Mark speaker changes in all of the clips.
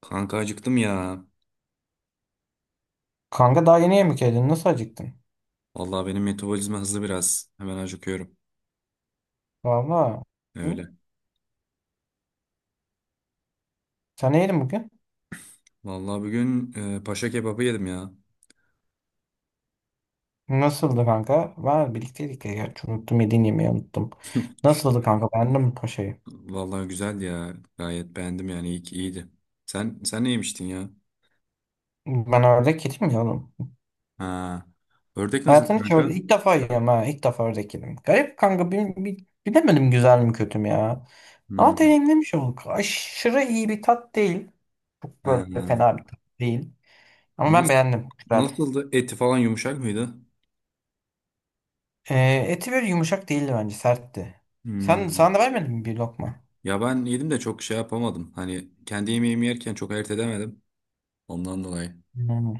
Speaker 1: Kanka acıktım ya.
Speaker 2: Kanka daha yeni yemek yedin. Nasıl acıktın?
Speaker 1: Vallahi benim metabolizma hızlı biraz. Hemen acıkıyorum.
Speaker 2: Valla. Hı?
Speaker 1: Öyle.
Speaker 2: Sen ne yedin bugün?
Speaker 1: Vallahi bugün paşa kebabı yedim ya.
Speaker 2: Nasıldı kanka? Var birlikteydik ya. Gerçi unuttum yediğin yemeği unuttum. Nasıldı kanka? Beğendin mi paşayı?
Speaker 1: Vallahi güzeldi ya. Gayet beğendim yani. İyi ki iyiydi. Sen ne yemiştin ya?
Speaker 2: Ben ördek yedim ya oğlum.
Speaker 1: Ha. Ördek nasıl
Speaker 2: Hayatımda hiç
Speaker 1: kanka?
Speaker 2: ilk defa yiyorum ha. İlk defa ördek yedim. Garip kanka. Bilemedim güzel mi kötü mü ya. Ama
Speaker 1: Hmm.
Speaker 2: deneyimlemiş olduk. Aşırı iyi bir tat değil. Çok
Speaker 1: Ha.
Speaker 2: böyle fena bir tat değil. Ama ben
Speaker 1: Nasıl,
Speaker 2: beğendim. Güzel.
Speaker 1: nasıldı? Eti falan yumuşak mıydı?
Speaker 2: Eti böyle yumuşak değildi bence. Sertti.
Speaker 1: Hmm.
Speaker 2: Sana da vermedin mi bir lokma?
Speaker 1: Ya ben yedim de çok şey yapamadım. Hani kendi yemeğimi yerken çok ayırt edemedim. Ondan dolayı.
Speaker 2: Hmm.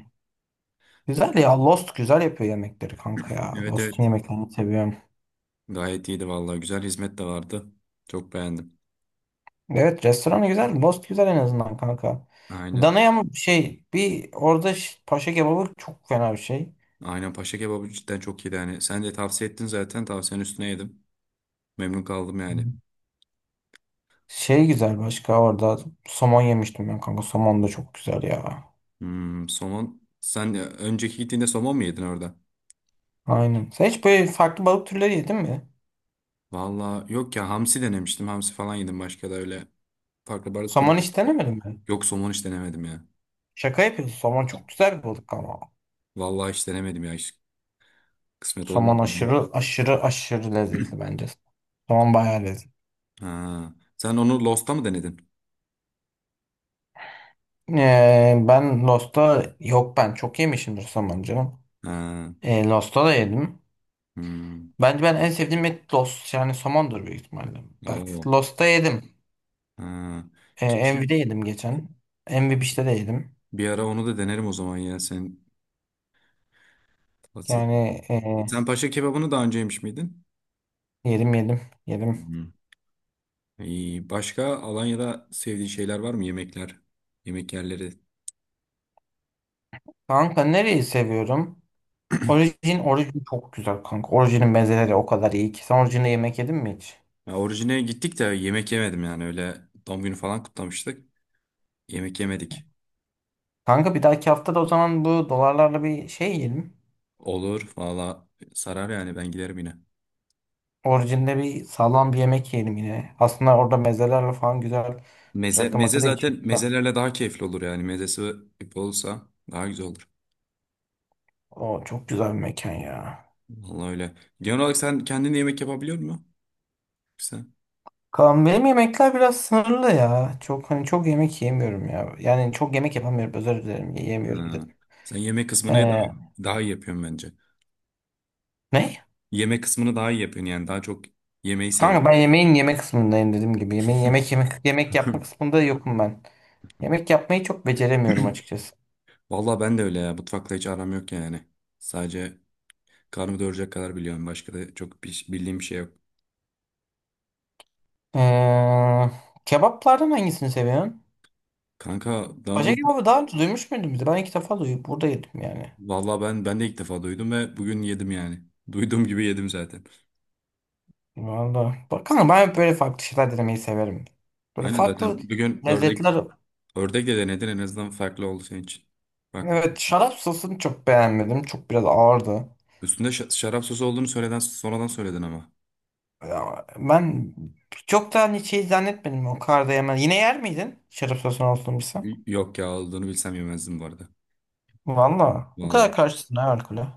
Speaker 2: Güzel ya, Lost güzel yapıyor yemekleri kanka ya.
Speaker 1: Evet,
Speaker 2: Lost'un
Speaker 1: evet.
Speaker 2: yemeklerini seviyorum.
Speaker 1: Gayet iyiydi vallahi. Güzel hizmet de vardı. Çok beğendim.
Speaker 2: Evet, restoranı güzel. Lost güzel en azından kanka.
Speaker 1: Aynen.
Speaker 2: Danaya mı şey bir orada paşa kebabı çok fena bir şey.
Speaker 1: Aynen paşa kebabı cidden çok iyiydi yani. Sen de tavsiye ettin zaten. Tavsiyenin üstüne yedim. Memnun kaldım yani.
Speaker 2: Hmm. Şey güzel, başka orada somon yemiştim ben kanka. Somon da çok güzel ya.
Speaker 1: Hmm, somon. Sen önceki gittiğinde somon mu yedin orada?
Speaker 2: Aynen. Sen hiç böyle farklı balık türleri yedin mi?
Speaker 1: Valla yok ya hamsi denemiştim. Hamsi falan yedim başka da öyle. Farklı balık
Speaker 2: Somon
Speaker 1: türlü.
Speaker 2: hiç denemedin mi?
Speaker 1: Yok somon hiç denemedim ya.
Speaker 2: Şaka yapıyorsun. Somon çok güzel bir balık ama.
Speaker 1: Vallahi hiç denemedim ya. Hiç kısmet olmadı.
Speaker 2: Somon aşırı aşırı aşırı lezzetli bence. Somon bayağı lezzetli.
Speaker 1: Ha. Sen onu Lost'ta mı denedin?
Speaker 2: Ben Lost'ta yok, ben çok yemişimdir somon canım.
Speaker 1: Ha.
Speaker 2: Lost'ta da yedim.
Speaker 1: Hmm.
Speaker 2: Bence ben en sevdiğim et Lost yani somondur büyük ihtimalle. Bak,
Speaker 1: Oo.
Speaker 2: Lost'ta yedim.
Speaker 1: Ha. Keşke
Speaker 2: Envy'de yedim geçen. Envy Beach'te de yedim.
Speaker 1: bir ara onu da denerim o zaman ya. Sen bahsettin.
Speaker 2: Yani
Speaker 1: Sen paşa kebabını daha önce yemiş miydin?
Speaker 2: yedim, yedim, yedim.
Speaker 1: Hı. İyi. Başka Alanya'da sevdiğin şeyler var mı? Yemekler, yemek yerleri.
Speaker 2: Kanka nereyi seviyorum? Orijin çok güzel kanka. Orijinin mezeleri o kadar iyi ki. Sen orijinde yemek yedin mi hiç?
Speaker 1: Ya orijine gittik de yemek yemedim yani öyle doğum günü falan kutlamıştık. Yemek yemedik.
Speaker 2: Kanka bir dahaki hafta da o zaman bu dolarlarla bir şey yiyelim.
Speaker 1: Olur valla sarar yani ben giderim yine.
Speaker 2: Orijinde bir sağlam bir yemek yiyelim yine. Aslında orada mezelerle falan güzel
Speaker 1: Meze,
Speaker 2: rakı
Speaker 1: meze
Speaker 2: makı da içelim.
Speaker 1: zaten mezelerle daha keyifli olur yani mezesi olursa daha güzel olur.
Speaker 2: Ah, o çok güzel bir mekan ya.
Speaker 1: Vallahi öyle. Genel olarak sen kendin yemek yapabiliyor musun? Sen,
Speaker 2: Kaan, benim yemekler biraz sınırlı ya. Çok hani çok yemek yemiyorum ya. Yani çok yemek yapamıyorum, özür dilerim yiyemiyorum
Speaker 1: ha.
Speaker 2: dedim.
Speaker 1: Sen yemek kısmını daha,
Speaker 2: Ee,
Speaker 1: daha iyi yapıyorsun bence.
Speaker 2: Ne?
Speaker 1: Yemek kısmını daha iyi yapıyorsun yani daha çok yemeği
Speaker 2: Kanka
Speaker 1: seviyorsun.
Speaker 2: ben yemeğin yemek kısmındayım dediğim gibi. Yemeğin yemek yapma kısmında yokum ben. Yemek yapmayı çok beceremiyorum açıkçası.
Speaker 1: Vallahi ben de öyle ya. Mutfakla hiç aram yok yani. Sadece karnımı doyuracak kadar biliyorum. Başka da çok bir, bildiğim bir şey yok.
Speaker 2: Ee, Kebaplardan hangisini seviyorsun?
Speaker 1: Kanka
Speaker 2: Paşa
Speaker 1: danul
Speaker 2: kebabı daha önce duymuş muydun bizi? Ben ilk defa duydum. Burada yedim yani.
Speaker 1: Vallahi ben de ilk defa duydum ve bugün yedim yani. Duyduğum gibi yedim zaten.
Speaker 2: Valla. Bakalım, ben böyle farklı şeyler denemeyi severim. Böyle
Speaker 1: Aynen
Speaker 2: farklı
Speaker 1: zaten. Bir gün
Speaker 2: lezzetler.
Speaker 1: ördek de denedin en azından farklı oldu senin için. Bak
Speaker 2: Evet, şarap sosunu çok beğenmedim. Çok biraz ağırdı.
Speaker 1: üstünde şarap sosu olduğunu söyleden sonradan söyledin ama.
Speaker 2: Ya, ben çok da hani şey zannetmedim, o kadar da yemez. Yine yer miydin şarap sosunu olsun bilsem?
Speaker 1: Yok ya olduğunu bilsem yemezdim bu arada.
Speaker 2: Valla. O kadar
Speaker 1: Vallahi.
Speaker 2: karşısın ha alkole.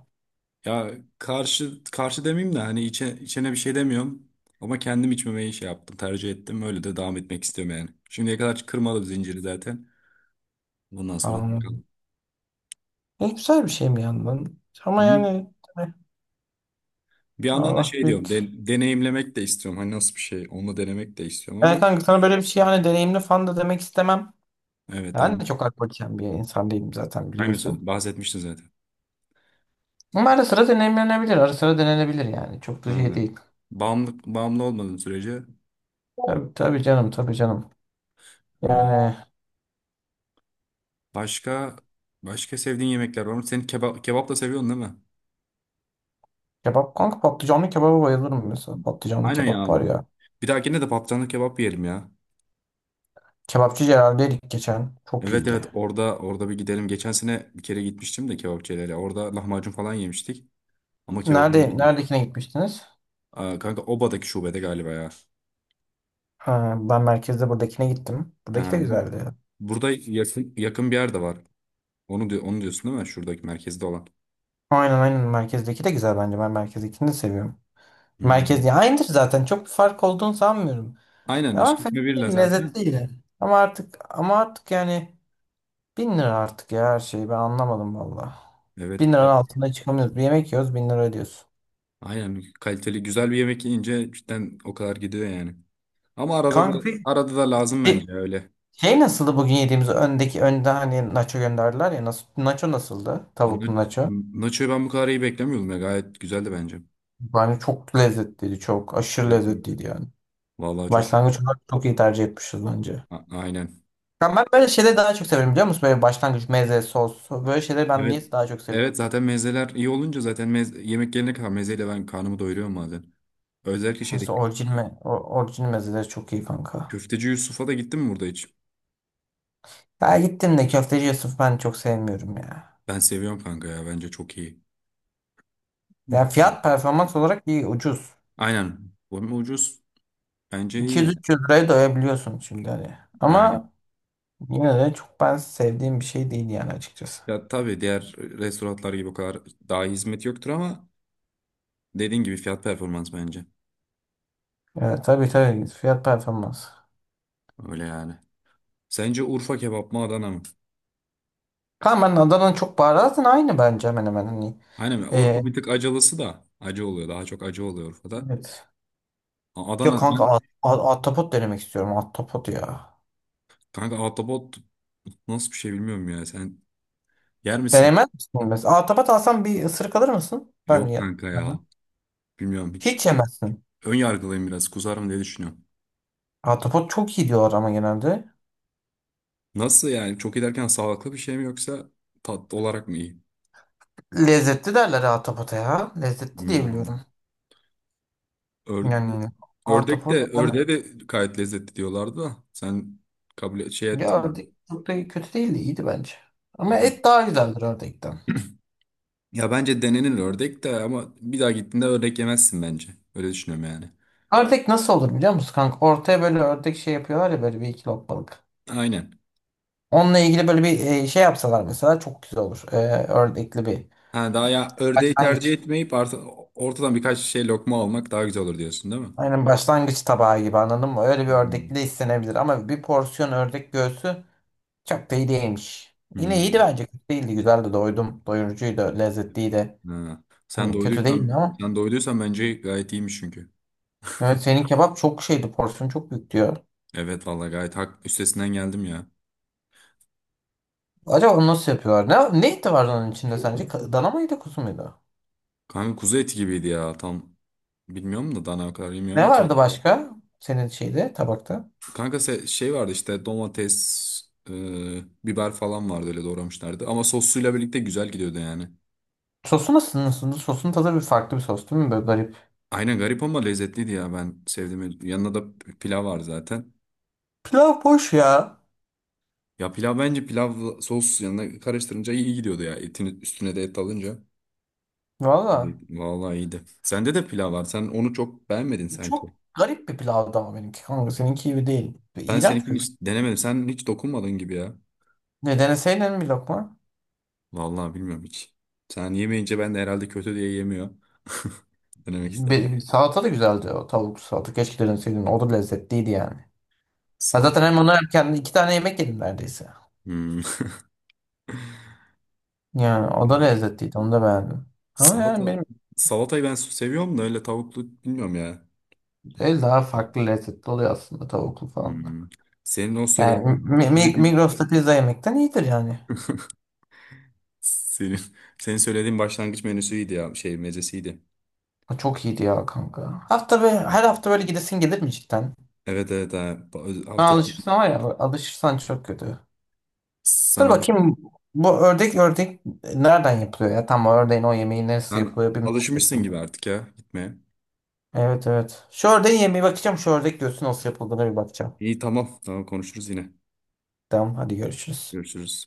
Speaker 1: Ya karşı karşı demeyeyim de hani içene bir şey demiyorum. Ama kendim içmemeyi şey yaptım, tercih ettim. Öyle de devam etmek istiyorum yani. Şimdiye kadar kırmadım zinciri zaten. Bundan sonra da
Speaker 2: Anladım.
Speaker 1: bakalım.
Speaker 2: Ne güzel bir şey mi yandan?
Speaker 1: Hı
Speaker 2: Ama
Speaker 1: hı.
Speaker 2: yani eh,
Speaker 1: Bir yandan da
Speaker 2: Allah
Speaker 1: şey diyorum,
Speaker 2: büyük.
Speaker 1: deneyimlemek de istiyorum. Hani nasıl bir şey, onu denemek de istiyorum
Speaker 2: Yani
Speaker 1: ama
Speaker 2: kanka sana böyle bir şey hani deneyimli falan da demek istemem.
Speaker 1: evet,
Speaker 2: Ben de
Speaker 1: anladım.
Speaker 2: çok alkol içen bir insan değilim zaten, biliyorsun.
Speaker 1: Bahsetmiştin zaten.
Speaker 2: Ama ara sıra denenebilir. Ara sıra denenebilir yani. Çok da şey
Speaker 1: Ha.
Speaker 2: değil.
Speaker 1: Bağımlı olmadığın sürece.
Speaker 2: Tabii, tabii canım, tabii canım.
Speaker 1: Hı.
Speaker 2: Yani
Speaker 1: Başka başka sevdiğin yemekler var mı? Sen kebap da seviyorsun değil mi?
Speaker 2: kebap kanka, patlıcanlı kebaba bayılırım mesela. Patlıcanlı
Speaker 1: Aynen
Speaker 2: kebap
Speaker 1: ya.
Speaker 2: var ya.
Speaker 1: Bir dahakine de patlıcanlı kebap yiyelim ya.
Speaker 2: Kebapçı Celal'deydik geçen. Çok
Speaker 1: Evet, evet,
Speaker 2: iyiydi.
Speaker 1: orada bir gidelim. Geçen sene bir kere gitmiştim de kebapçılara. Orada lahmacun falan yemiştik ama kebabı yemedim.
Speaker 2: Neredekine gitmiştiniz?
Speaker 1: Aa, kanka Oba'daki şubede galiba ya.
Speaker 2: Ha, ben merkezde buradakine gittim. Buradaki
Speaker 1: Ha,
Speaker 2: de güzeldi.
Speaker 1: burada yakın bir yerde var. Onu diyorsun değil mi? Şuradaki merkezde olan.
Speaker 2: Aynen, aynen, merkezdeki de güzel bence. Ben merkezdekini de seviyorum. Merkez
Speaker 1: Hmm.
Speaker 2: ya aynıdır zaten. Çok bir fark olduğunu sanmıyorum.
Speaker 1: Aynen
Speaker 2: Ama fena
Speaker 1: işletme birla
Speaker 2: değil, lezzetli
Speaker 1: zaten.
Speaker 2: yine. Ama artık yani 1.000 lira artık ya, her şeyi ben anlamadım valla.
Speaker 1: Evet.
Speaker 2: 1.000 lira altında çıkamıyoruz. Bir yemek yiyoruz, 1.000 lira ödüyorsun.
Speaker 1: Aynen kaliteli güzel bir yemek yiyince cidden o kadar gidiyor yani. Ama
Speaker 2: Kanka peki
Speaker 1: arada da lazım
Speaker 2: Şey,
Speaker 1: bence öyle.
Speaker 2: şey nasıldı bugün yediğimiz öndeki önde hani, nacho gönderdiler ya, nacho nasıldı?
Speaker 1: Na-
Speaker 2: Tavuklu nacho.
Speaker 1: Nacho'yu ben bu kadar iyi beklemiyordum ya. Gayet güzeldi bence.
Speaker 2: Bence çok lezzetliydi, çok aşırı
Speaker 1: Evet, evet.
Speaker 2: lezzetliydi yani.
Speaker 1: Vallahi çok
Speaker 2: Başlangıç olarak çok iyi tercih etmişiz bence.
Speaker 1: Aynen.
Speaker 2: Ben böyle şeyleri daha çok severim, biliyor musun? Böyle başlangıç meze, sos, böyle şeyleri ben
Speaker 1: Evet.
Speaker 2: niye daha çok seviyorum?
Speaker 1: Evet zaten mezeler iyi olunca zaten yemek gelene kadar mezeyle ben karnımı doyuruyorum bazen. Özellikle şeyde
Speaker 2: Mesela orijin mezeleri çok iyi kanka.
Speaker 1: köfteci Yusuf'a da gittin mi burada hiç?
Speaker 2: Ya gittim de, köfteci Yusuf ben çok sevmiyorum ya.
Speaker 1: Ben seviyorum kanka ya bence çok iyi. Hı.
Speaker 2: Ya
Speaker 1: Evet.
Speaker 2: fiyat performans olarak iyi, ucuz.
Speaker 1: Aynen. Bu hem ucuz bence iyi yani.
Speaker 2: 200-300 liraya doyabiliyorsun şimdi hani.
Speaker 1: Aynen.
Speaker 2: Ama yine de çok ben sevdiğim bir şey değil yani, açıkçası.
Speaker 1: Ya tabii diğer restoranlar gibi o kadar daha iyi hizmet yoktur ama dediğin gibi fiyat performans bence.
Speaker 2: Evet, tabii tabii, fiyat performans.
Speaker 1: Öyle yani. Sence Urfa kebap mı Adana mı?
Speaker 2: Tamam, ben Adana'nın çok baharatın aynı bence hemen hemen hani.
Speaker 1: Aynen Urfa
Speaker 2: Ee,
Speaker 1: bir tık acılısı da acı oluyor. Daha çok acı oluyor Urfa'da.
Speaker 2: evet.
Speaker 1: Adana
Speaker 2: Yok kanka, ahtapot denemek istiyorum, ahtapot ya.
Speaker 1: kanka ahtapot nasıl bir şey bilmiyorum ya. Sen yer misin?
Speaker 2: Denemez misin? Mesela ahtapot alsam bir ısırık alır mısın? Ben
Speaker 1: Yok
Speaker 2: ya.
Speaker 1: kanka
Speaker 2: Ben de.
Speaker 1: ya. Bilmiyorum hiç.
Speaker 2: Hiç yemezsin.
Speaker 1: Ön yargılıyım biraz. Kuzarım diye düşünüyorum.
Speaker 2: Ahtapot çok iyi diyorlar ama genelde.
Speaker 1: Nasıl yani? Çok iyi derken sağlıklı bir şey mi yoksa tatlı olarak mı iyi?
Speaker 2: Lezzetli derler ahtapota ya. Lezzetli diye
Speaker 1: Hmm.
Speaker 2: biliyorum.
Speaker 1: Ör-
Speaker 2: Yani
Speaker 1: ördek de
Speaker 2: ahtapot ben,
Speaker 1: ördeğe de gayet lezzetli diyorlardı da. Sen kabul şey ettin
Speaker 2: ya
Speaker 1: mi?
Speaker 2: ördek çok da kötü değildi, iyiydi bence. Ama
Speaker 1: Hani-
Speaker 2: et daha güzeldir ördekten.
Speaker 1: ya bence denenir ördek de ama bir daha gittiğinde ördek yemezsin bence. Öyle düşünüyorum yani.
Speaker 2: Ördek nasıl olur biliyor musun kanka? Ortaya böyle ördek şey yapıyorlar ya, böyle bir iki lokmalık.
Speaker 1: Aynen.
Speaker 2: Onunla ilgili böyle bir şey yapsalar mesela çok güzel olur. Ördekli bir
Speaker 1: Ha, daha ya ördeği tercih
Speaker 2: başlangıç.
Speaker 1: etmeyip ortadan birkaç şey lokma almak daha güzel olur diyorsun değil mi?
Speaker 2: Aynen, başlangıç tabağı gibi, anladın mı? Öyle bir ördekli
Speaker 1: Hmm.
Speaker 2: de istenebilir ama bir porsiyon ördek göğsü çok da iyi değilmiş. Yine iyiydi
Speaker 1: Hmm.
Speaker 2: bence, kötü değildi, güzeldi, doydum. Doyurucuydu, lezzetliydi.
Speaker 1: Ha.
Speaker 2: Hani kötü değildi ama.
Speaker 1: Sen doyduysan bence gayet iyiymiş çünkü.
Speaker 2: Evet, senin kebap çok şeydi, porsiyon çok büyük diyor.
Speaker 1: Evet vallahi gayet hak üstesinden geldim ya.
Speaker 2: Acaba onu nasıl yapıyorlar? Ne eti vardı onun içinde sence? Dana mıydı, kuzu muydu?
Speaker 1: Kanka kuzu eti gibiydi ya tam bilmiyorum da dana o kadar
Speaker 2: Ne
Speaker 1: bilmiyorum.
Speaker 2: vardı başka senin şeyde, tabakta?
Speaker 1: Kanka şey vardı işte domates, biber falan vardı öyle doğramışlardı. Ama sosuyla birlikte güzel gidiyordu yani.
Speaker 2: Sosu nasıl? Sosun tadı bir farklı bir sos değil mi? Böyle garip.
Speaker 1: Aynen garip ama lezzetliydi ya ben sevdim. Yanında da pilav var zaten.
Speaker 2: Pilav boş ya.
Speaker 1: Ya bence pilav sos yanına karıştırınca iyi gidiyordu ya. Etin üstüne de et alınca. Evet,
Speaker 2: Valla.
Speaker 1: vallahi iyiydi. Sende de pilav var. Sen onu çok beğenmedin sanki.
Speaker 2: Çok garip bir pilavdı ama benimki kanka. Seninki gibi değil. Ve
Speaker 1: Ben
Speaker 2: İğrenç bir
Speaker 1: seninkini
Speaker 2: pilav.
Speaker 1: hiç denemedim. Sen hiç dokunmadın gibi ya.
Speaker 2: Ne deneseydin bir lokma?
Speaker 1: Vallahi bilmiyorum hiç. Sen yemeyince ben de herhalde kötü diye yemiyor. Denemek istemedim.
Speaker 2: Salata da güzeldi o tavuk salata. Keşke deneseydin. O da lezzetliydi yani. Ha, zaten
Speaker 1: Salata.
Speaker 2: hem onu hem kendi iki tane yemek yedim neredeyse.
Speaker 1: Hmm.
Speaker 2: Yani o da
Speaker 1: Evet.
Speaker 2: lezzetliydi. Onu da beğendim. Ama yani
Speaker 1: Salata.
Speaker 2: benim
Speaker 1: Salatayı ben seviyorum da öyle tavuklu bilmiyorum ya.
Speaker 2: el daha farklı lezzetli oluyor aslında tavuklu falan da.
Speaker 1: Hmm. Senin o
Speaker 2: Yani
Speaker 1: söylediğin, söylediğin
Speaker 2: Migros'ta pizza yemekten iyidir yani.
Speaker 1: senin, senin söylediğin başlangıç menüsüydü ya şey mezesiydi.
Speaker 2: O çok iyiydi ya kanka. Her hafta böyle gidesin gelir mi cidden?
Speaker 1: Evet evet ha.
Speaker 2: Ha,
Speaker 1: Hafta sonu
Speaker 2: alışırsan var ya, alışırsan çok kötü.
Speaker 1: sen,
Speaker 2: Dur
Speaker 1: alış
Speaker 2: bakayım, bu ördek nereden yapılıyor ya? Tam o ördeğin o yemeği nasıl
Speaker 1: sen
Speaker 2: yapılıyor bir merak
Speaker 1: alışmışsın gibi
Speaker 2: ettim.
Speaker 1: artık ya gitmeye.
Speaker 2: Evet, evet. Şu ördeğin yemeği bakacağım. Şu ördek göğsü nasıl yapıldığına bir bakacağım.
Speaker 1: İyi, tamam konuşuruz yine.
Speaker 2: Tamam hadi görüşürüz.
Speaker 1: Görüşürüz.